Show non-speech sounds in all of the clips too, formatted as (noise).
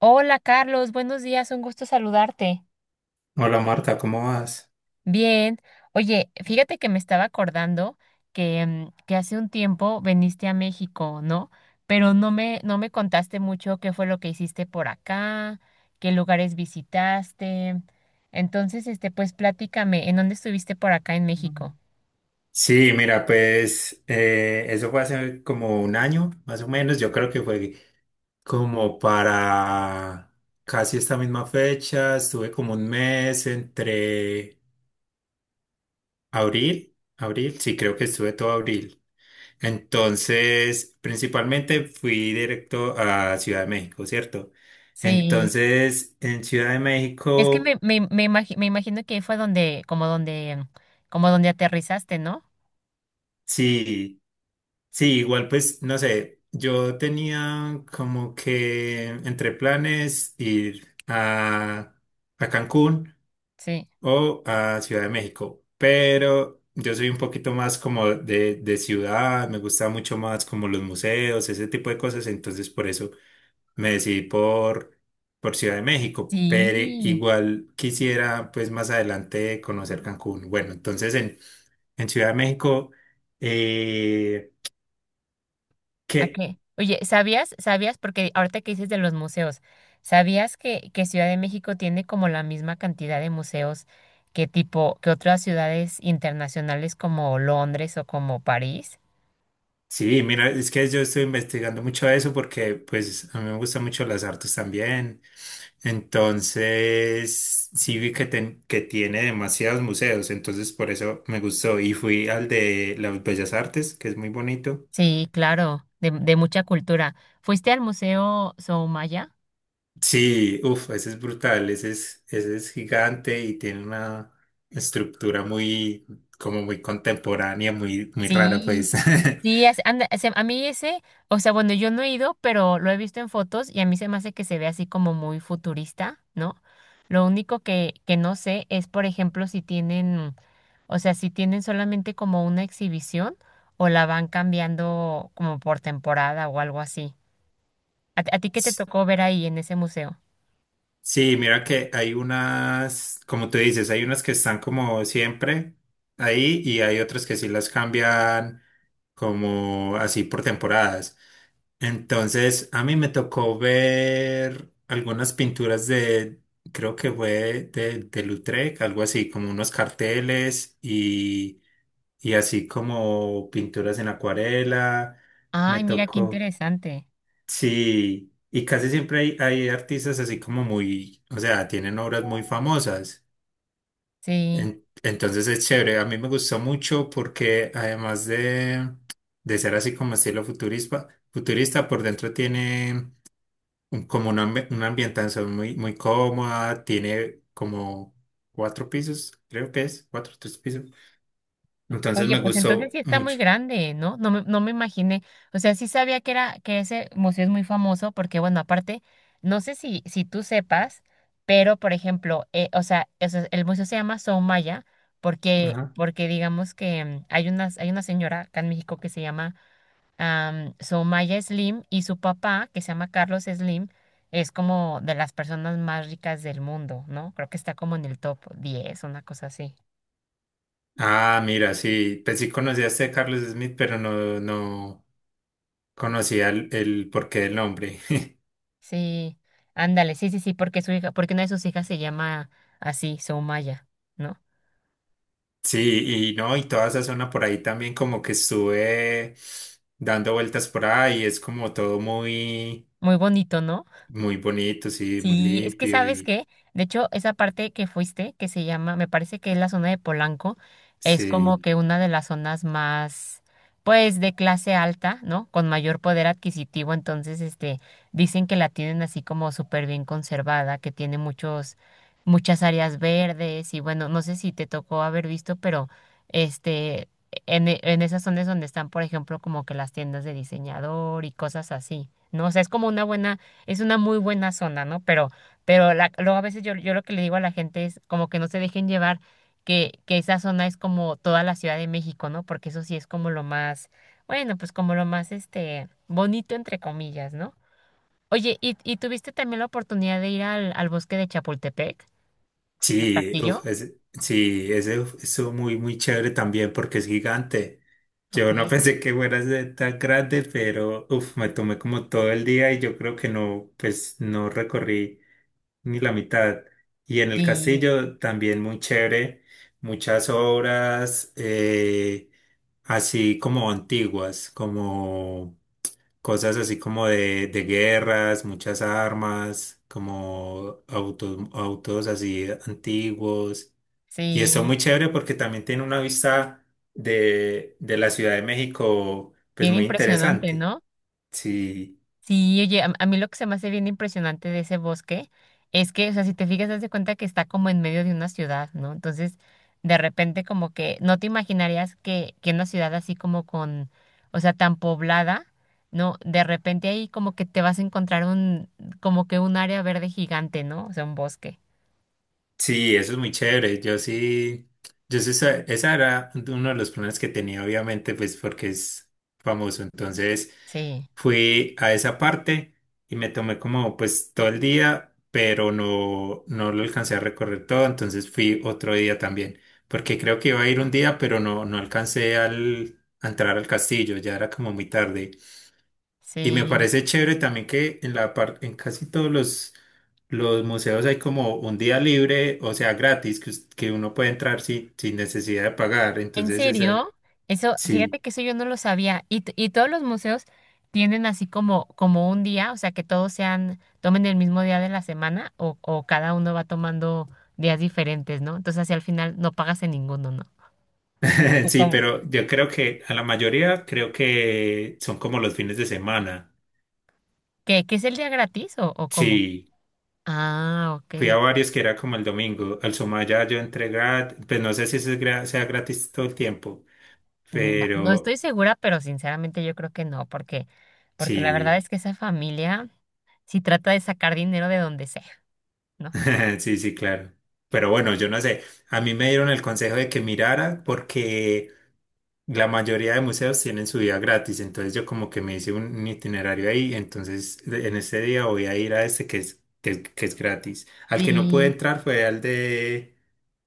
Hola Carlos, buenos días, un gusto saludarte. Hola Marta, ¿cómo vas? Bien, oye, fíjate que me estaba acordando que hace un tiempo viniste a México, ¿no? Pero no me contaste mucho qué fue lo que hiciste por acá, qué lugares visitaste. Entonces, este, pues platícame, ¿en dónde estuviste por acá en México? Mm. Sí, mira, pues eso fue hace como un año, más o menos. Yo creo que fue como para casi esta misma fecha. Estuve como un mes entre abril, sí, creo que estuve todo abril. Entonces, principalmente fui directo a Ciudad de México, ¿cierto? Sí, Entonces, en Ciudad de es que México, me imagino que fue donde, como donde, mm, como donde aterrizaste, ¿no? sí. Sí, igual pues, no sé, yo tenía como que entre planes ir a Cancún Sí. o a Ciudad de México, pero yo soy un poquito más como de ciudad, me gusta mucho más como los museos, ese tipo de cosas, entonces por eso me decidí por Ciudad de México, pero Sí. igual quisiera pues más adelante conocer Cancún. Bueno, entonces en Ciudad de México, eh, ¿A ¿qué? qué? Oye, ¿sabías? ¿Sabías? Porque ahorita que dices de los museos, ¿sabías que Ciudad de México tiene como la misma cantidad de museos que otras ciudades internacionales como Londres o como París? Sí, mira, es que yo estoy investigando mucho eso porque pues a mí me gustan mucho las artes también. Entonces, sí vi que tiene demasiados museos, entonces por eso me gustó y fui al de las Bellas Artes, que es muy bonito. Sí, claro, de mucha cultura. ¿Fuiste al Museo Soumaya? Sí, uff, ese es brutal, ese es gigante y tiene una estructura muy, como muy contemporánea, muy, muy rara, Sí, pues. (laughs) A mí ese, o sea, bueno, yo no he ido, pero lo he visto en fotos y a mí se me hace que se ve así como muy futurista, ¿no? Lo único que no sé es, por ejemplo, si tienen. O sea, si tienen solamente como una exhibición o la van cambiando como por temporada o algo así. ¿A ti qué te tocó ver ahí en ese museo? Sí, mira que hay unas, como tú dices, hay unas que están como siempre ahí y hay otras que sí las cambian como así por temporadas. Entonces, a mí me tocó ver algunas pinturas creo que fue de Lautrec, algo así, como unos carteles y así como pinturas en acuarela. Me Ay, mira qué tocó. interesante. Sí, y casi siempre hay artistas así como muy, o sea, tienen obras muy famosas. Sí. Entonces es chévere. A mí me gustó mucho porque además de ser así como estilo futurista, futurista por dentro tiene como una, una ambientación muy, muy cómoda, tiene como cuatro pisos, creo que es, cuatro, tres pisos. Entonces Oye, me pues entonces gustó sí está muy mucho. grande, ¿no? No me imaginé. O sea, sí sabía que era, que ese museo es muy famoso porque, bueno, aparte, no sé si tú sepas, pero por ejemplo, o sea, el museo se llama Soumaya Ajá. porque digamos que hay una señora acá en México que se llama Soumaya Slim y su papá, que se llama Carlos Slim, es como de las personas más ricas del mundo, ¿no? Creo que está como en el top 10 una cosa así. Ah, mira, sí, pues sí conocí a este Carlos Smith, pero no, no. Conocía el porqué del nombre. (laughs) Sí, ándale, sí, sí, sí, porque su hija, porque una de sus hijas se llama así, Soumaya, ¿no? Sí, y no, y toda esa zona por ahí también como que estuve dando vueltas por ahí, es como todo muy, Muy bonito, ¿no? muy bonito, sí, muy Sí, es que limpio sabes y que, de hecho, esa parte que fuiste, que se llama, me parece que es la zona de Polanco, es como sí. que una de las zonas más, pues, de clase alta, ¿no? Con mayor poder adquisitivo, entonces, este, dicen que la tienen así como súper bien conservada, que tiene muchas áreas verdes y bueno, no sé si te tocó haber visto, pero, este, en esas zonas donde están, por ejemplo, como que las tiendas de diseñador y cosas así, ¿no? O sea, es una muy buena zona, ¿no? Pero, luego a veces yo lo que le digo a la gente es como que no se dejen llevar que esa zona es como toda la Ciudad de México, ¿no? Porque eso sí es como lo más, bueno, pues como lo más este bonito entre comillas, ¿no? Oye, ¿y tuviste también la oportunidad de ir al bosque de Chapultepec, el Sí, castillo? uf, sí, ese uf, estuvo muy, muy chévere también porque es gigante. Ok. Yo no (laughs) pensé que fuera a ser tan grande, pero uf, me tomé como todo el día y yo creo que no, pues no recorrí ni la mitad. Y en el Y castillo también muy chévere, muchas obras así como antiguas, como cosas así como de guerras, muchas armas, como autos, autos así antiguos. Y está sí, muy chévere porque también tiene una vista de la Ciudad de México, pues bien muy impresionante, interesante. ¿no? Sí. Sí, oye, a mí lo que se me hace bien impresionante de ese bosque es que, o sea, si te fijas, haz de cuenta que está como en medio de una ciudad, ¿no? Entonces, de repente como que no te imaginarías que una ciudad así como con, o sea, tan poblada, ¿no? De repente ahí como que te vas a encontrar un, como que un área verde gigante, ¿no? O sea, un bosque. Sí, eso es muy chévere. Yo sí, esa era uno de los planes que tenía, obviamente, pues porque es famoso. Entonces Sí, fui a esa parte y me tomé como pues todo el día, pero no, no lo alcancé a recorrer todo. Entonces fui otro día también, porque creo que iba a ir un día, pero no, no alcancé a entrar al castillo, ya era como muy tarde. Y me sí. parece chévere también que en en casi todos los museos hay como un día libre, o sea, gratis, que uno puede entrar sin, sin necesidad de pagar. ¿En Entonces, ese, serio? Eso, fíjate sí, que eso yo no lo sabía. Y, y todos los museos tienen así como, como un día, o sea, que todos sean, tomen el mismo día de la semana o cada uno va tomando días diferentes, ¿no? Entonces, así al final no pagas en ninguno, ¿no? ¿O (laughs) sí, cómo? pero yo creo que a la mayoría creo que son como los fines de semana. ¿Qué es el día gratis o cómo? Sí, Ah, ok. fui a varios que era como el domingo. Al Sumaya yo entré gratis, pues no sé si ese es sea gratis todo el tiempo, Mm, no estoy pero segura, pero sinceramente yo creo que no, porque, porque la verdad sí. es que esa familia sí trata de sacar dinero de donde sea, ¿no? (laughs) Sí, sí, claro. Pero bueno, yo no sé. A mí me dieron el consejo de que mirara porque la mayoría de museos tienen su día gratis. Entonces yo como que me hice un itinerario ahí. Entonces en ese día voy a ir a este que es, que, es que es gratis. Al que no pude Sí. entrar fue al de,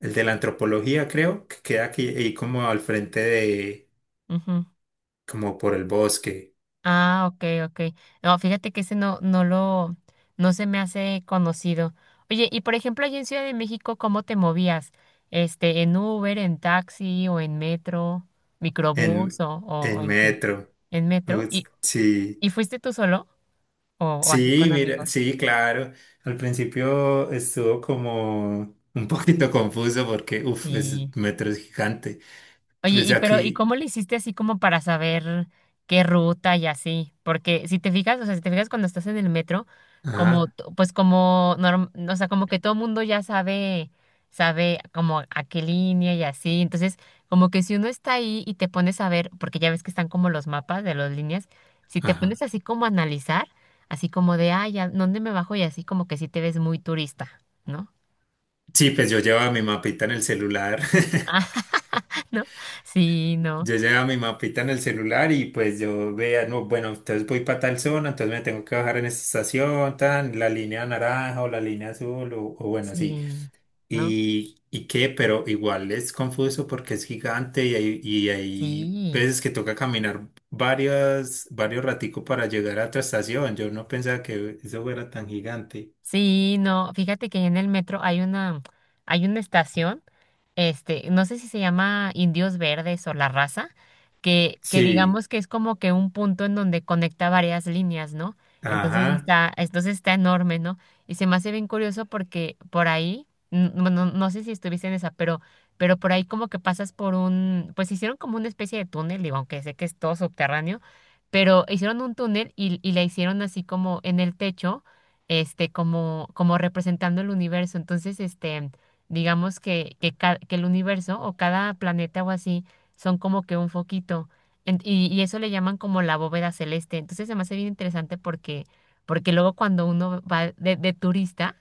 el de la antropología, creo, que queda aquí ahí como al frente de, Ujú. como por el bosque, Ah, ok, ok. No, fíjate que ese no se me hace conocido. Oye, y por ejemplo, allí en Ciudad de México, ¿cómo te movías? Este, ¿en Uber, en taxi o en metro, microbús en, o en en qué? metro. ¿En metro? Ups. Sí. Y fuiste tú solo o así Sí, con mira, amigos? sí, claro. Al principio estuvo como un poquito (laughs) confuso porque, uff, Sí. es metro es gigante. Oye, Pues y pero, ¿y aquí, cómo le hiciste así como para saber qué ruta y así? Porque si te fijas, o sea, si te fijas cuando estás en el metro, como, ajá, pues como, o sea, como que todo mundo ya sabe, sabe como a qué línea y así. Entonces, como que si uno está ahí y te pones a ver, porque ya ves que están como los mapas de las líneas, si te ajá. pones así como a analizar, así como de, ay, ¿a dónde me bajo? Y así como que sí te ves muy turista, ¿no? Sí, pues yo llevaba mi mapita en el celular. (laughs) (laughs) Ah, ¿no? Sí, no, Yo llevaba mi mapita en el celular y pues yo veía, no, bueno, entonces voy para tal zona, entonces me tengo que bajar en esta estación, tan, la línea naranja o la línea azul o bueno, así. sí, ¿no? Y qué? Pero igual es confuso porque es gigante y hay Sí. veces que toca caminar varias, varios raticos para llegar a otra estación. Yo no pensaba que eso fuera tan gigante. Sí, no, fíjate que en el metro hay una estación este, no sé si se llama Indios Verdes o la raza, que Sí, digamos que es como que un punto en donde conecta varias líneas, ¿no? Ajá, Entonces está enorme, ¿no? Y se me hace bien curioso porque por ahí, no sé si estuviste en esa, pero por ahí como que pasas por un, pues hicieron como una especie de túnel, digo, aunque sé que es todo subterráneo, pero hicieron un túnel y la hicieron así como en el techo, este, como, como representando el universo. Entonces, este, digamos que el universo o cada planeta o así son como que un foquito. Y eso le llaman como la bóveda celeste. Entonces se me hace bien interesante porque, porque luego cuando uno va de turista,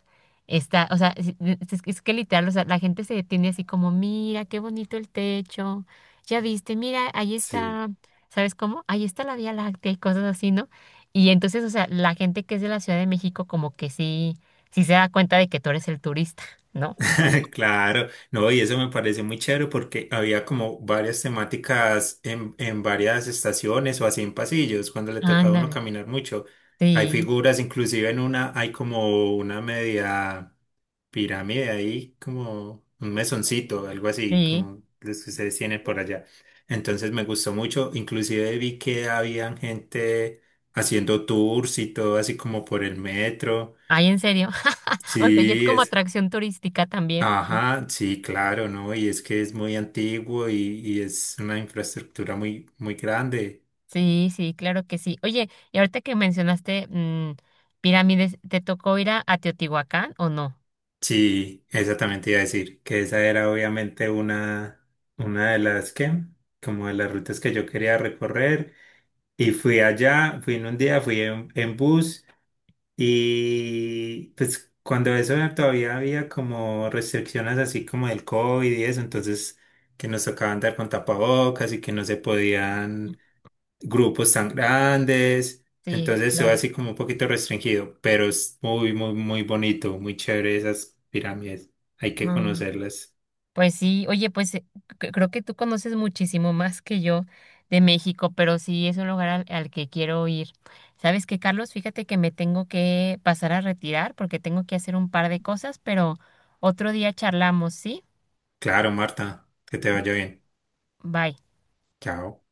está, o sea, es que literal, o sea, la gente se detiene así como, mira, qué bonito el techo, ya viste, mira, ahí sí. está, ¿sabes cómo? Ahí está la Vía Láctea y cosas así, ¿no? Y entonces, o sea, la gente que es de la Ciudad de México como que sí, sí se da cuenta de que tú eres el turista, ¿no? (laughs) Claro, no, y eso me parece muy chévere porque había como varias temáticas en varias estaciones o así en pasillos, cuando le tocaba a uno Ándale, caminar mucho. Hay sí, figuras, inclusive en una hay como una media pirámide ahí, como un mesoncito, algo así, sí. como los que ustedes tienen por allá. Entonces me gustó mucho, inclusive vi que habían gente haciendo tours y todo así como por el metro. Ay, en serio. (laughs) O sea, y es Sí, como es. atracción turística también, ¿no? Ajá, sí, claro, ¿no? Y es que es muy antiguo y es una infraestructura muy, muy grande. Sí, sí, claro que sí. Oye, y ahorita que mencionaste pirámides, ¿te tocó ir a Teotihuacán o no? Sí, exactamente iba a decir, que esa era obviamente una de las que, como de las rutas que yo quería recorrer. Y fui allá, fui en un día, fui en bus y pues cuando eso todavía había como restricciones así como del COVID y eso, entonces que nos tocaba andar con tapabocas y que no se podían grupos tan grandes, Sí, entonces se ve claro. así como un poquito restringido, pero es muy, muy, muy bonito, muy chévere esas pirámides. Hay que Mm, conocerlas. pues sí, oye, creo que tú conoces muchísimo más que yo de México, pero sí es un lugar al que quiero ir. ¿Sabes qué, Carlos? Fíjate que me tengo que pasar a retirar porque tengo que hacer un par de cosas, pero otro día charlamos, ¿sí? Claro, Marta, que te vaya bien. Bye. Chao.